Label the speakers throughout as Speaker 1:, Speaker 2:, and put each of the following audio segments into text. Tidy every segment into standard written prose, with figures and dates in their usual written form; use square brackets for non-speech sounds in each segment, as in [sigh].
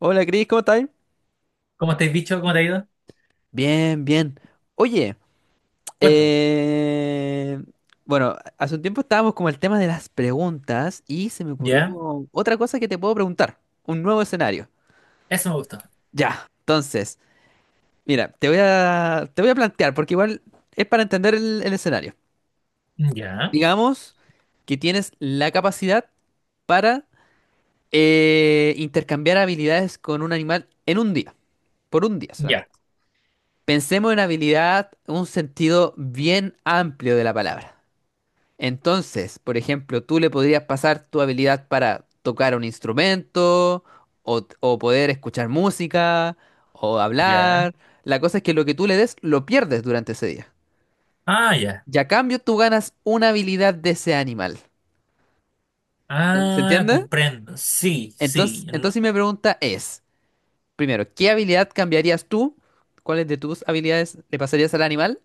Speaker 1: Hola Cris, ¿cómo estás?
Speaker 2: ¿Cómo te has dicho? ¿Cómo te ha ido?
Speaker 1: Bien, bien. Oye,
Speaker 2: Cuéntame.
Speaker 1: eh, bueno, hace un tiempo estábamos con el tema de las preguntas y se me ocurrió
Speaker 2: ¿Ya?
Speaker 1: otra cosa que te puedo preguntar, un nuevo escenario.
Speaker 2: Eso me gustó.
Speaker 1: Ya, entonces, mira, te voy a plantear, porque igual es para entender el escenario.
Speaker 2: ¿Ya?
Speaker 1: Digamos que tienes la capacidad para intercambiar habilidades con un animal en un día, por un día
Speaker 2: ¿Ya?
Speaker 1: solamente. Pensemos en habilidad, un sentido bien amplio de la palabra. Entonces, por ejemplo, tú le podrías pasar tu habilidad para tocar un instrumento, o, poder escuchar música, o
Speaker 2: ¿Ya?
Speaker 1: hablar. La cosa es que lo que tú le des lo pierdes durante ese día.
Speaker 2: Ah, ya.
Speaker 1: Y a cambio tú ganas una habilidad de ese animal. ¿Se
Speaker 2: Ah,
Speaker 1: entiende?
Speaker 2: comprendo. Sí,
Speaker 1: Entonces,
Speaker 2: sí. No-
Speaker 1: entonces mi pregunta es, primero, ¿qué habilidad cambiarías tú? ¿Cuáles de tus habilidades le pasarías al animal?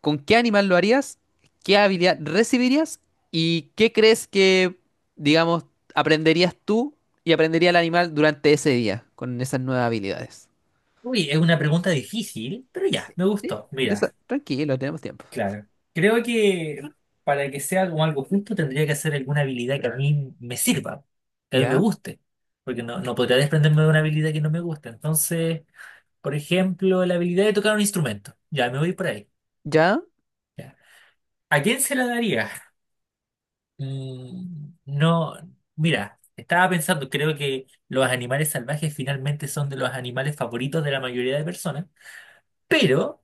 Speaker 1: ¿Con qué animal lo harías? ¿Qué habilidad recibirías? ¿Y qué crees que, digamos, aprenderías tú y aprendería el animal durante ese día con esas nuevas habilidades?
Speaker 2: Uy, es una pregunta difícil, pero ya,
Speaker 1: Sí.
Speaker 2: me
Speaker 1: ¿Sí?
Speaker 2: gustó. Mira,
Speaker 1: Tranquilo, tenemos tiempo.
Speaker 2: claro. Creo que para que sea como algo justo tendría que hacer alguna habilidad que a mí me sirva, que a mí me
Speaker 1: ¿Ya?
Speaker 2: guste, porque no podría desprenderme de una habilidad que no me gusta. Entonces, por ejemplo, la habilidad de tocar un instrumento. Ya, me voy por ahí.
Speaker 1: ¿Ya?
Speaker 2: Ya. ¿A quién se la daría? No, mira, estaba pensando, creo que los animales salvajes finalmente son de los animales favoritos de la mayoría de personas, pero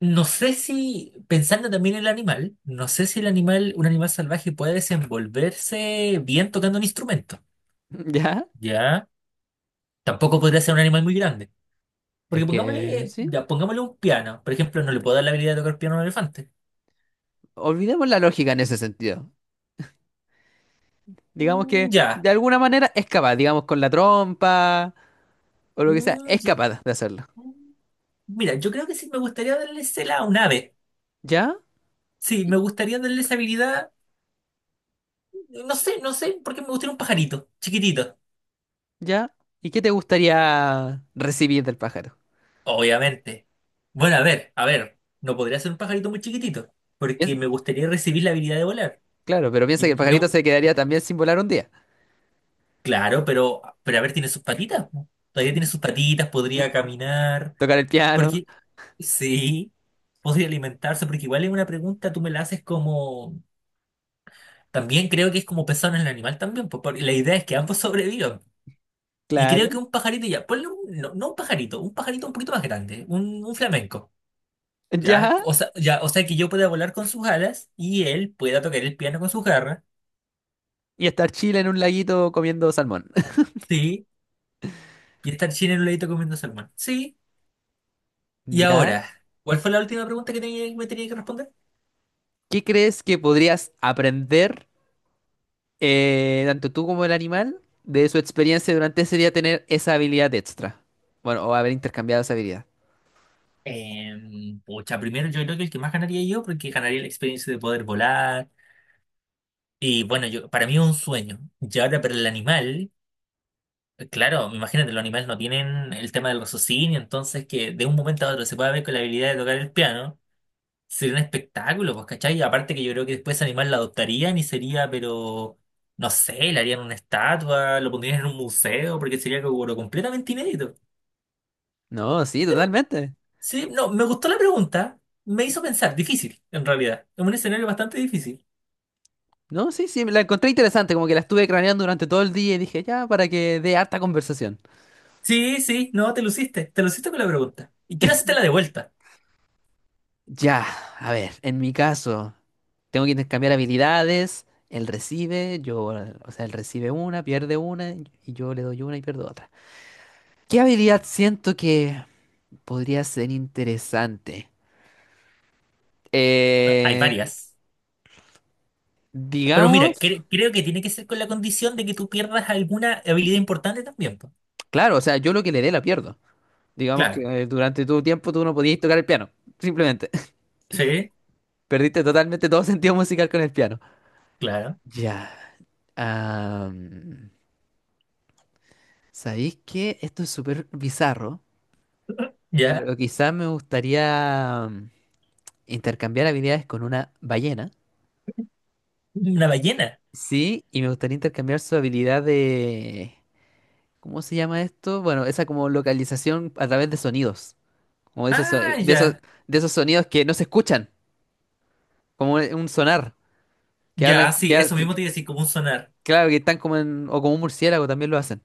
Speaker 2: no sé si, pensando también en el animal, no sé si el animal, un animal salvaje puede desenvolverse bien tocando un instrumento,
Speaker 1: [laughs] ¿Ya?
Speaker 2: ¿ya? Tampoco podría ser un animal muy grande,
Speaker 1: Es
Speaker 2: porque
Speaker 1: que,
Speaker 2: pongámosle,
Speaker 1: sí.
Speaker 2: ya, pongámosle un piano, por ejemplo, no le puedo dar la habilidad de tocar piano a un elefante.
Speaker 1: Olvidemos la lógica en ese sentido. Digamos
Speaker 2: Mm,
Speaker 1: que
Speaker 2: ya.
Speaker 1: de alguna manera es capaz, digamos con la trompa o lo que sea,
Speaker 2: Mm,
Speaker 1: es
Speaker 2: y-
Speaker 1: capaz de hacerlo.
Speaker 2: mm, Mira, yo creo que sí me gustaría darle cela a un ave.
Speaker 1: ¿Ya?
Speaker 2: Sí, me gustaría darle esa habilidad. No sé, porque me gustaría un pajarito, chiquitito.
Speaker 1: ¿Ya? ¿Y qué te gustaría recibir del pájaro?
Speaker 2: Obviamente. Bueno, a ver, a ver. No podría ser un pajarito muy chiquitito,
Speaker 1: Piens-
Speaker 2: porque me gustaría recibir la habilidad de volar.
Speaker 1: Claro, pero piensa que el
Speaker 2: Y
Speaker 1: pajarito
Speaker 2: no,
Speaker 1: se quedaría también sin volar un día.
Speaker 2: claro, pero a ver, tiene sus patitas. Po. Todavía tiene sus patitas, podría caminar.
Speaker 1: Tocar el piano,
Speaker 2: Porque, sí, podría alimentarse, porque igual es una pregunta, tú me la haces como. También creo que es como pensar en el animal también, pues, porque la idea es que ambos [laughs] sobrevivan. Y creo
Speaker 1: claro.
Speaker 2: que un pajarito ya, ponle un, no, no un pajarito, un pajarito un poquito más grande, un flamenco, ¿ya?
Speaker 1: Ya.
Speaker 2: O sea, ya, o sea que yo pueda volar con sus alas y él pueda tocar el piano con sus garras,
Speaker 1: Y estar chile en un laguito comiendo salmón. [laughs]
Speaker 2: sí, y estar chino en un ladito comiendo salmón, sí. Y
Speaker 1: Ya.
Speaker 2: ahora, ¿cuál fue la última pregunta que tenía- me tenía que responder?
Speaker 1: ¿Qué crees que podrías aprender, tanto tú como el animal, de su experiencia durante ese día tener esa habilidad extra? Bueno, o haber intercambiado esa habilidad.
Speaker 2: Pucha, primero yo creo que el que más ganaría yo, porque ganaría la experiencia de poder volar, y bueno, yo, para mí es un sueño. Y ahora para el animal. Claro, imagínate, los animales no tienen el tema del raciocinio, entonces que de un momento a otro se pueda ver con la habilidad de tocar el piano, sería un espectáculo, pues, ¿cachai? Y aparte que yo creo que después ese animal la adoptarían y sería, pero, no sé, le harían una estatua, lo pondrían en un museo, porque sería algo pero completamente inédito.
Speaker 1: No, sí,
Speaker 2: Pero,
Speaker 1: totalmente.
Speaker 2: sí, no, me gustó la pregunta, me hizo pensar, difícil, en realidad, es un escenario bastante difícil.
Speaker 1: No, sí, sí, la encontré interesante, como que la estuve craneando durante todo el día y dije, ya, para que dé harta conversación.
Speaker 2: Sí, sí, no, te luciste con la pregunta. ¿Y quién hacerte la de vuelta?
Speaker 1: Ya, a ver, en mi caso, tengo que intercambiar habilidades, él recibe, o sea, él recibe una, pierde una, y yo le doy una y pierdo otra. ¿Qué habilidad siento que podría ser interesante?
Speaker 2: Hay
Speaker 1: Eh,
Speaker 2: varias. Pero mira,
Speaker 1: digamos,
Speaker 2: creo que tiene que ser con la condición de que tú pierdas alguna habilidad importante también, po.
Speaker 1: claro, o sea, yo lo que le dé la pierdo. Digamos que
Speaker 2: Claro,
Speaker 1: durante tu tiempo tú no podías tocar el piano, simplemente.
Speaker 2: sí,
Speaker 1: [laughs] Perdiste totalmente todo sentido musical con el piano.
Speaker 2: claro,
Speaker 1: Ya. am, ¿Sabéis qué? Esto es súper bizarro.
Speaker 2: ya.
Speaker 1: Pero quizás me gustaría intercambiar habilidades con una ballena.
Speaker 2: Una ballena.
Speaker 1: Sí, y me gustaría intercambiar su habilidad de... ¿Cómo se llama esto? Bueno, esa como localización a través de sonidos. Como de esos, so-
Speaker 2: Ah, ya,
Speaker 1: de esos sonidos que no se escuchan. Como un sonar. Que hablan...
Speaker 2: ya, sí,
Speaker 1: Que, ha-
Speaker 2: eso mismo te iba a decir, como un sonar.
Speaker 1: Claro, que están como en... O como un murciélago también lo hacen.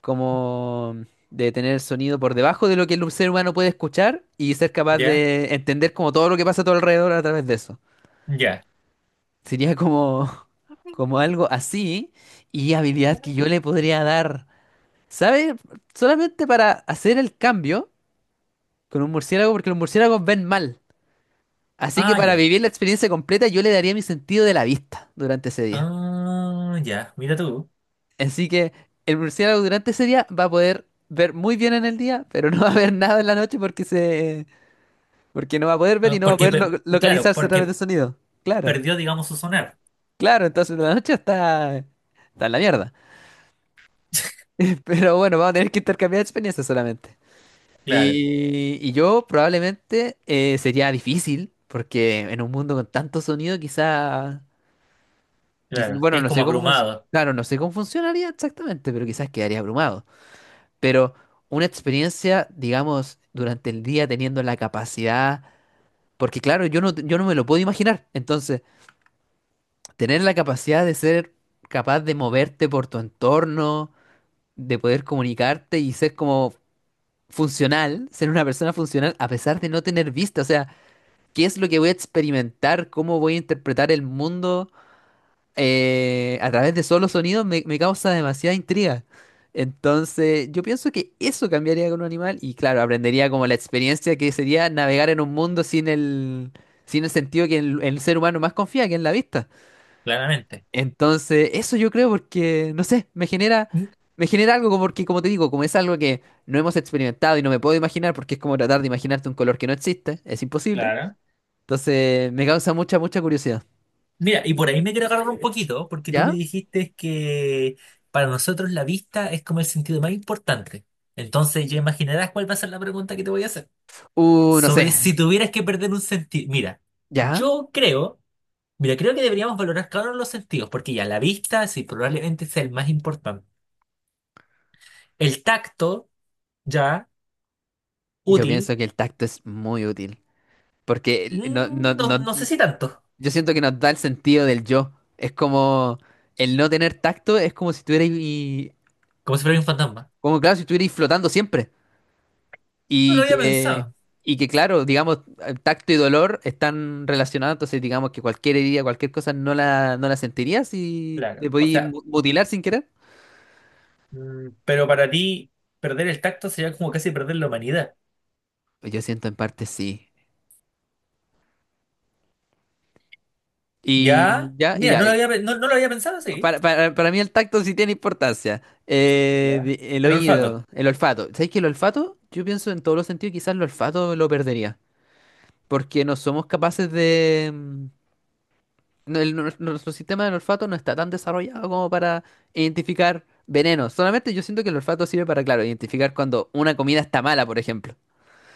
Speaker 1: Como de tener sonido por debajo de lo que el ser humano puede escuchar y ser capaz
Speaker 2: Ya,
Speaker 1: de entender como todo lo que pasa a tu alrededor a través de eso.
Speaker 2: ya.
Speaker 1: Sería como, como algo así y habilidad que yo le podría dar, ¿sabes? Solamente para hacer el cambio con un murciélago, porque los murciélagos ven mal. Así que
Speaker 2: Ah,
Speaker 1: para
Speaker 2: ya.
Speaker 1: vivir la experiencia completa yo le daría mi sentido de la vista durante ese día.
Speaker 2: Ah, ya, mira tú.
Speaker 1: Así que el murciélago durante ese día va a poder ver muy bien en el día, pero no va a ver nada en la noche porque no va a poder ver y
Speaker 2: Ah,
Speaker 1: no va a
Speaker 2: porque,
Speaker 1: poder
Speaker 2: claro,
Speaker 1: localizarse a través del
Speaker 2: porque
Speaker 1: sonido. Claro,
Speaker 2: perdió, digamos, su sonar.
Speaker 1: claro, entonces la noche está en la mierda. Pero bueno, vamos a tener que intercambiar experiencias solamente.
Speaker 2: Claro,
Speaker 1: Y yo probablemente sería difícil, porque en un mundo con tanto sonido,
Speaker 2: claro, que
Speaker 1: bueno,
Speaker 2: es
Speaker 1: no
Speaker 2: como
Speaker 1: sé cómo funciona,
Speaker 2: abrumado,
Speaker 1: claro, no sé cómo funcionaría exactamente, pero quizás quedaría abrumado. Pero una experiencia, digamos, durante el día teniendo la capacidad, porque claro, yo no me lo puedo imaginar. Entonces, tener la capacidad de ser capaz de moverte por tu entorno, de poder comunicarte y ser como funcional, ser una persona funcional a pesar de no tener vista. O sea, ¿qué es lo que voy a experimentar? ¿Cómo voy a interpretar el mundo a través de solo sonidos? Me causa demasiada intriga. Entonces, yo pienso que eso cambiaría con un animal y claro, aprendería como la experiencia que sería navegar en un mundo sin sin el sentido que el ser humano más confía, que es la vista.
Speaker 2: claramente.
Speaker 1: Entonces, eso yo creo porque, no sé,
Speaker 2: Mm.
Speaker 1: me genera algo como porque, como te digo, como es algo que no hemos experimentado y no me puedo imaginar porque es como tratar de imaginarte un color que no existe, es imposible.
Speaker 2: Claro.
Speaker 1: Entonces, me causa mucha, mucha curiosidad.
Speaker 2: Mira, y por ahí me quiero agarrar un poquito, porque tú me
Speaker 1: ¿Ya?
Speaker 2: dijiste que para nosotros la vista es como el sentido más importante. Entonces ya imaginarás cuál va a ser la pregunta que te voy a hacer.
Speaker 1: No sé.
Speaker 2: Sobre si tuvieras que perder un sentido. Mira,
Speaker 1: ¿Ya?
Speaker 2: yo creo, mira, creo que deberíamos valorar cada uno de los sentidos, porque ya la vista sí probablemente sea el más importante. El tacto, ya,
Speaker 1: Yo
Speaker 2: útil,
Speaker 1: pienso que el tacto es muy útil porque el- no, no,
Speaker 2: no,
Speaker 1: no,
Speaker 2: no sé si tanto,
Speaker 1: yo siento que nos da el sentido del yo. Es como el no tener tacto es como si estuvierais,
Speaker 2: como si fuera un fantasma.
Speaker 1: como claro, si estuvierais flotando siempre.
Speaker 2: No lo
Speaker 1: Y
Speaker 2: había
Speaker 1: que,
Speaker 2: pensado.
Speaker 1: y que claro, digamos, tacto y dolor están relacionados, entonces digamos que cualquier herida, cualquier cosa no la sentirías si te
Speaker 2: Claro, o
Speaker 1: podías
Speaker 2: sea,
Speaker 1: mutilar sin querer.
Speaker 2: mm, pero para ti, perder el tacto sería como casi perder la humanidad.
Speaker 1: Pues yo siento en parte sí.
Speaker 2: Ya,
Speaker 1: Y ya, y
Speaker 2: mira,
Speaker 1: ya. eh,
Speaker 2: no, no lo había pensado así.
Speaker 1: Para, para mí el tacto sí tiene importancia. Eh,
Speaker 2: Ya.
Speaker 1: de- el
Speaker 2: El olfato,
Speaker 1: oído, el olfato. ¿Sabes que el olfato? Yo pienso en todos los sentidos, quizás el olfato lo perdería. Porque no somos capaces de... nuestro sistema del olfato no está tan desarrollado como para identificar venenos. Solamente yo siento que el olfato sirve para, claro, identificar cuando una comida está mala, por ejemplo.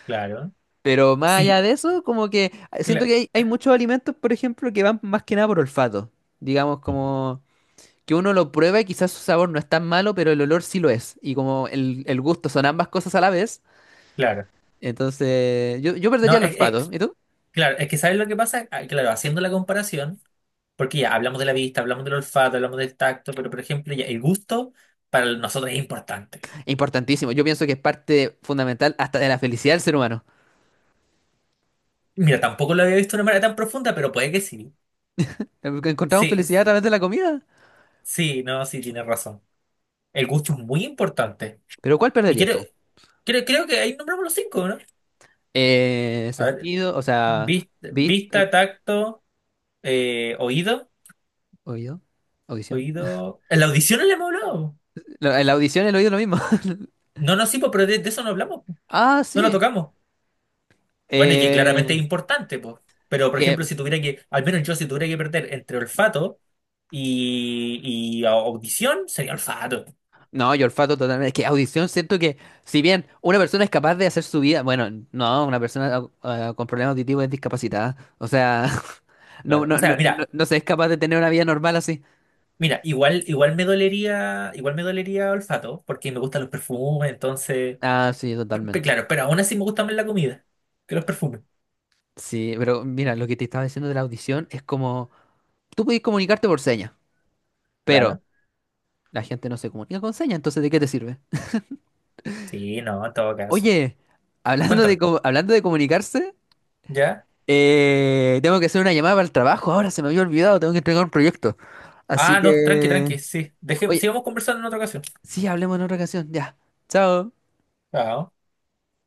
Speaker 2: claro.
Speaker 1: Pero más
Speaker 2: Sí,
Speaker 1: allá de eso, como que siento
Speaker 2: cla-
Speaker 1: que hay muchos alimentos, por ejemplo, que van más que nada por olfato. Digamos, como que uno lo prueba y quizás su sabor no es tan malo, pero el olor sí lo es. Y como el gusto son ambas cosas a la vez,
Speaker 2: claro.
Speaker 1: entonces yo perdería
Speaker 2: No,
Speaker 1: el
Speaker 2: es,
Speaker 1: olfato. ¿Y tú?
Speaker 2: claro, es que ¿sabes lo que pasa? Ah, claro, haciendo la comparación, porque ya hablamos de la vista, hablamos del olfato, hablamos del tacto, pero por ejemplo, ya el gusto para nosotros es importante.
Speaker 1: Importantísimo. Yo pienso que es parte fundamental hasta de la felicidad del ser humano.
Speaker 2: Mira, tampoco lo había visto de una manera tan profunda, pero puede que sí.
Speaker 1: Porque encontramos
Speaker 2: Sí,
Speaker 1: felicidad a través de la comida.
Speaker 2: sí, no, sí, tienes razón. El gusto es muy importante.
Speaker 1: Pero ¿cuál
Speaker 2: Y
Speaker 1: perderías
Speaker 2: creo,
Speaker 1: tú?
Speaker 2: creo, creo que ahí nombramos los cinco, ¿no?
Speaker 1: Eh,
Speaker 2: A ver,
Speaker 1: sentido, o sea, vista,
Speaker 2: vista, tacto, oído,
Speaker 1: oído, audición.
Speaker 2: oído. En la audición no le hemos hablado.
Speaker 1: La audición y el oído es lo mismo. [laughs]
Speaker 2: No, no, sí, po, pero de eso no hablamos, po.
Speaker 1: Ah,
Speaker 2: No lo
Speaker 1: sí.
Speaker 2: tocamos. Bueno, y que claramente
Speaker 1: Eh,
Speaker 2: es importante, pues. Pero, por ejemplo,
Speaker 1: que
Speaker 2: si tuviera que, al menos yo, si tuviera que perder entre olfato y, y audición, sería olfato.
Speaker 1: no, yo olfato totalmente. Es que audición siento que, si bien una persona es capaz de hacer su vida, bueno, no, una persona con problemas auditivos es discapacitada. O sea, [laughs] no,
Speaker 2: Claro. O
Speaker 1: no,
Speaker 2: sea,
Speaker 1: no, no,
Speaker 2: mira,
Speaker 1: no se es capaz de tener una vida normal así.
Speaker 2: mira, igual, igual me dolería olfato, porque me gustan los perfumes, entonces.
Speaker 1: Ah, sí, totalmente.
Speaker 2: Claro, pero aún así me gusta más la comida que los perfumes.
Speaker 1: Sí, pero mira, lo que te estaba diciendo de la audición es como, tú podés comunicarte por señas. Pero
Speaker 2: Claro.
Speaker 1: la gente no se comunica con señas, entonces ¿de qué te sirve?
Speaker 2: Sí, no, en todo caso.
Speaker 1: Oye,
Speaker 2: Cuéntame.
Speaker 1: hablando de comunicarse,
Speaker 2: ¿Ya?
Speaker 1: tengo que hacer una llamada para el trabajo. Ahora se me había olvidado, tengo que entregar un proyecto. Así
Speaker 2: Ah, no, tranqui,
Speaker 1: que...
Speaker 2: tranqui, sí. Deje,
Speaker 1: Oye,
Speaker 2: sigamos conversando en otra ocasión.
Speaker 1: sí, hablemos en otra ocasión. Ya. Chao.
Speaker 2: Ah,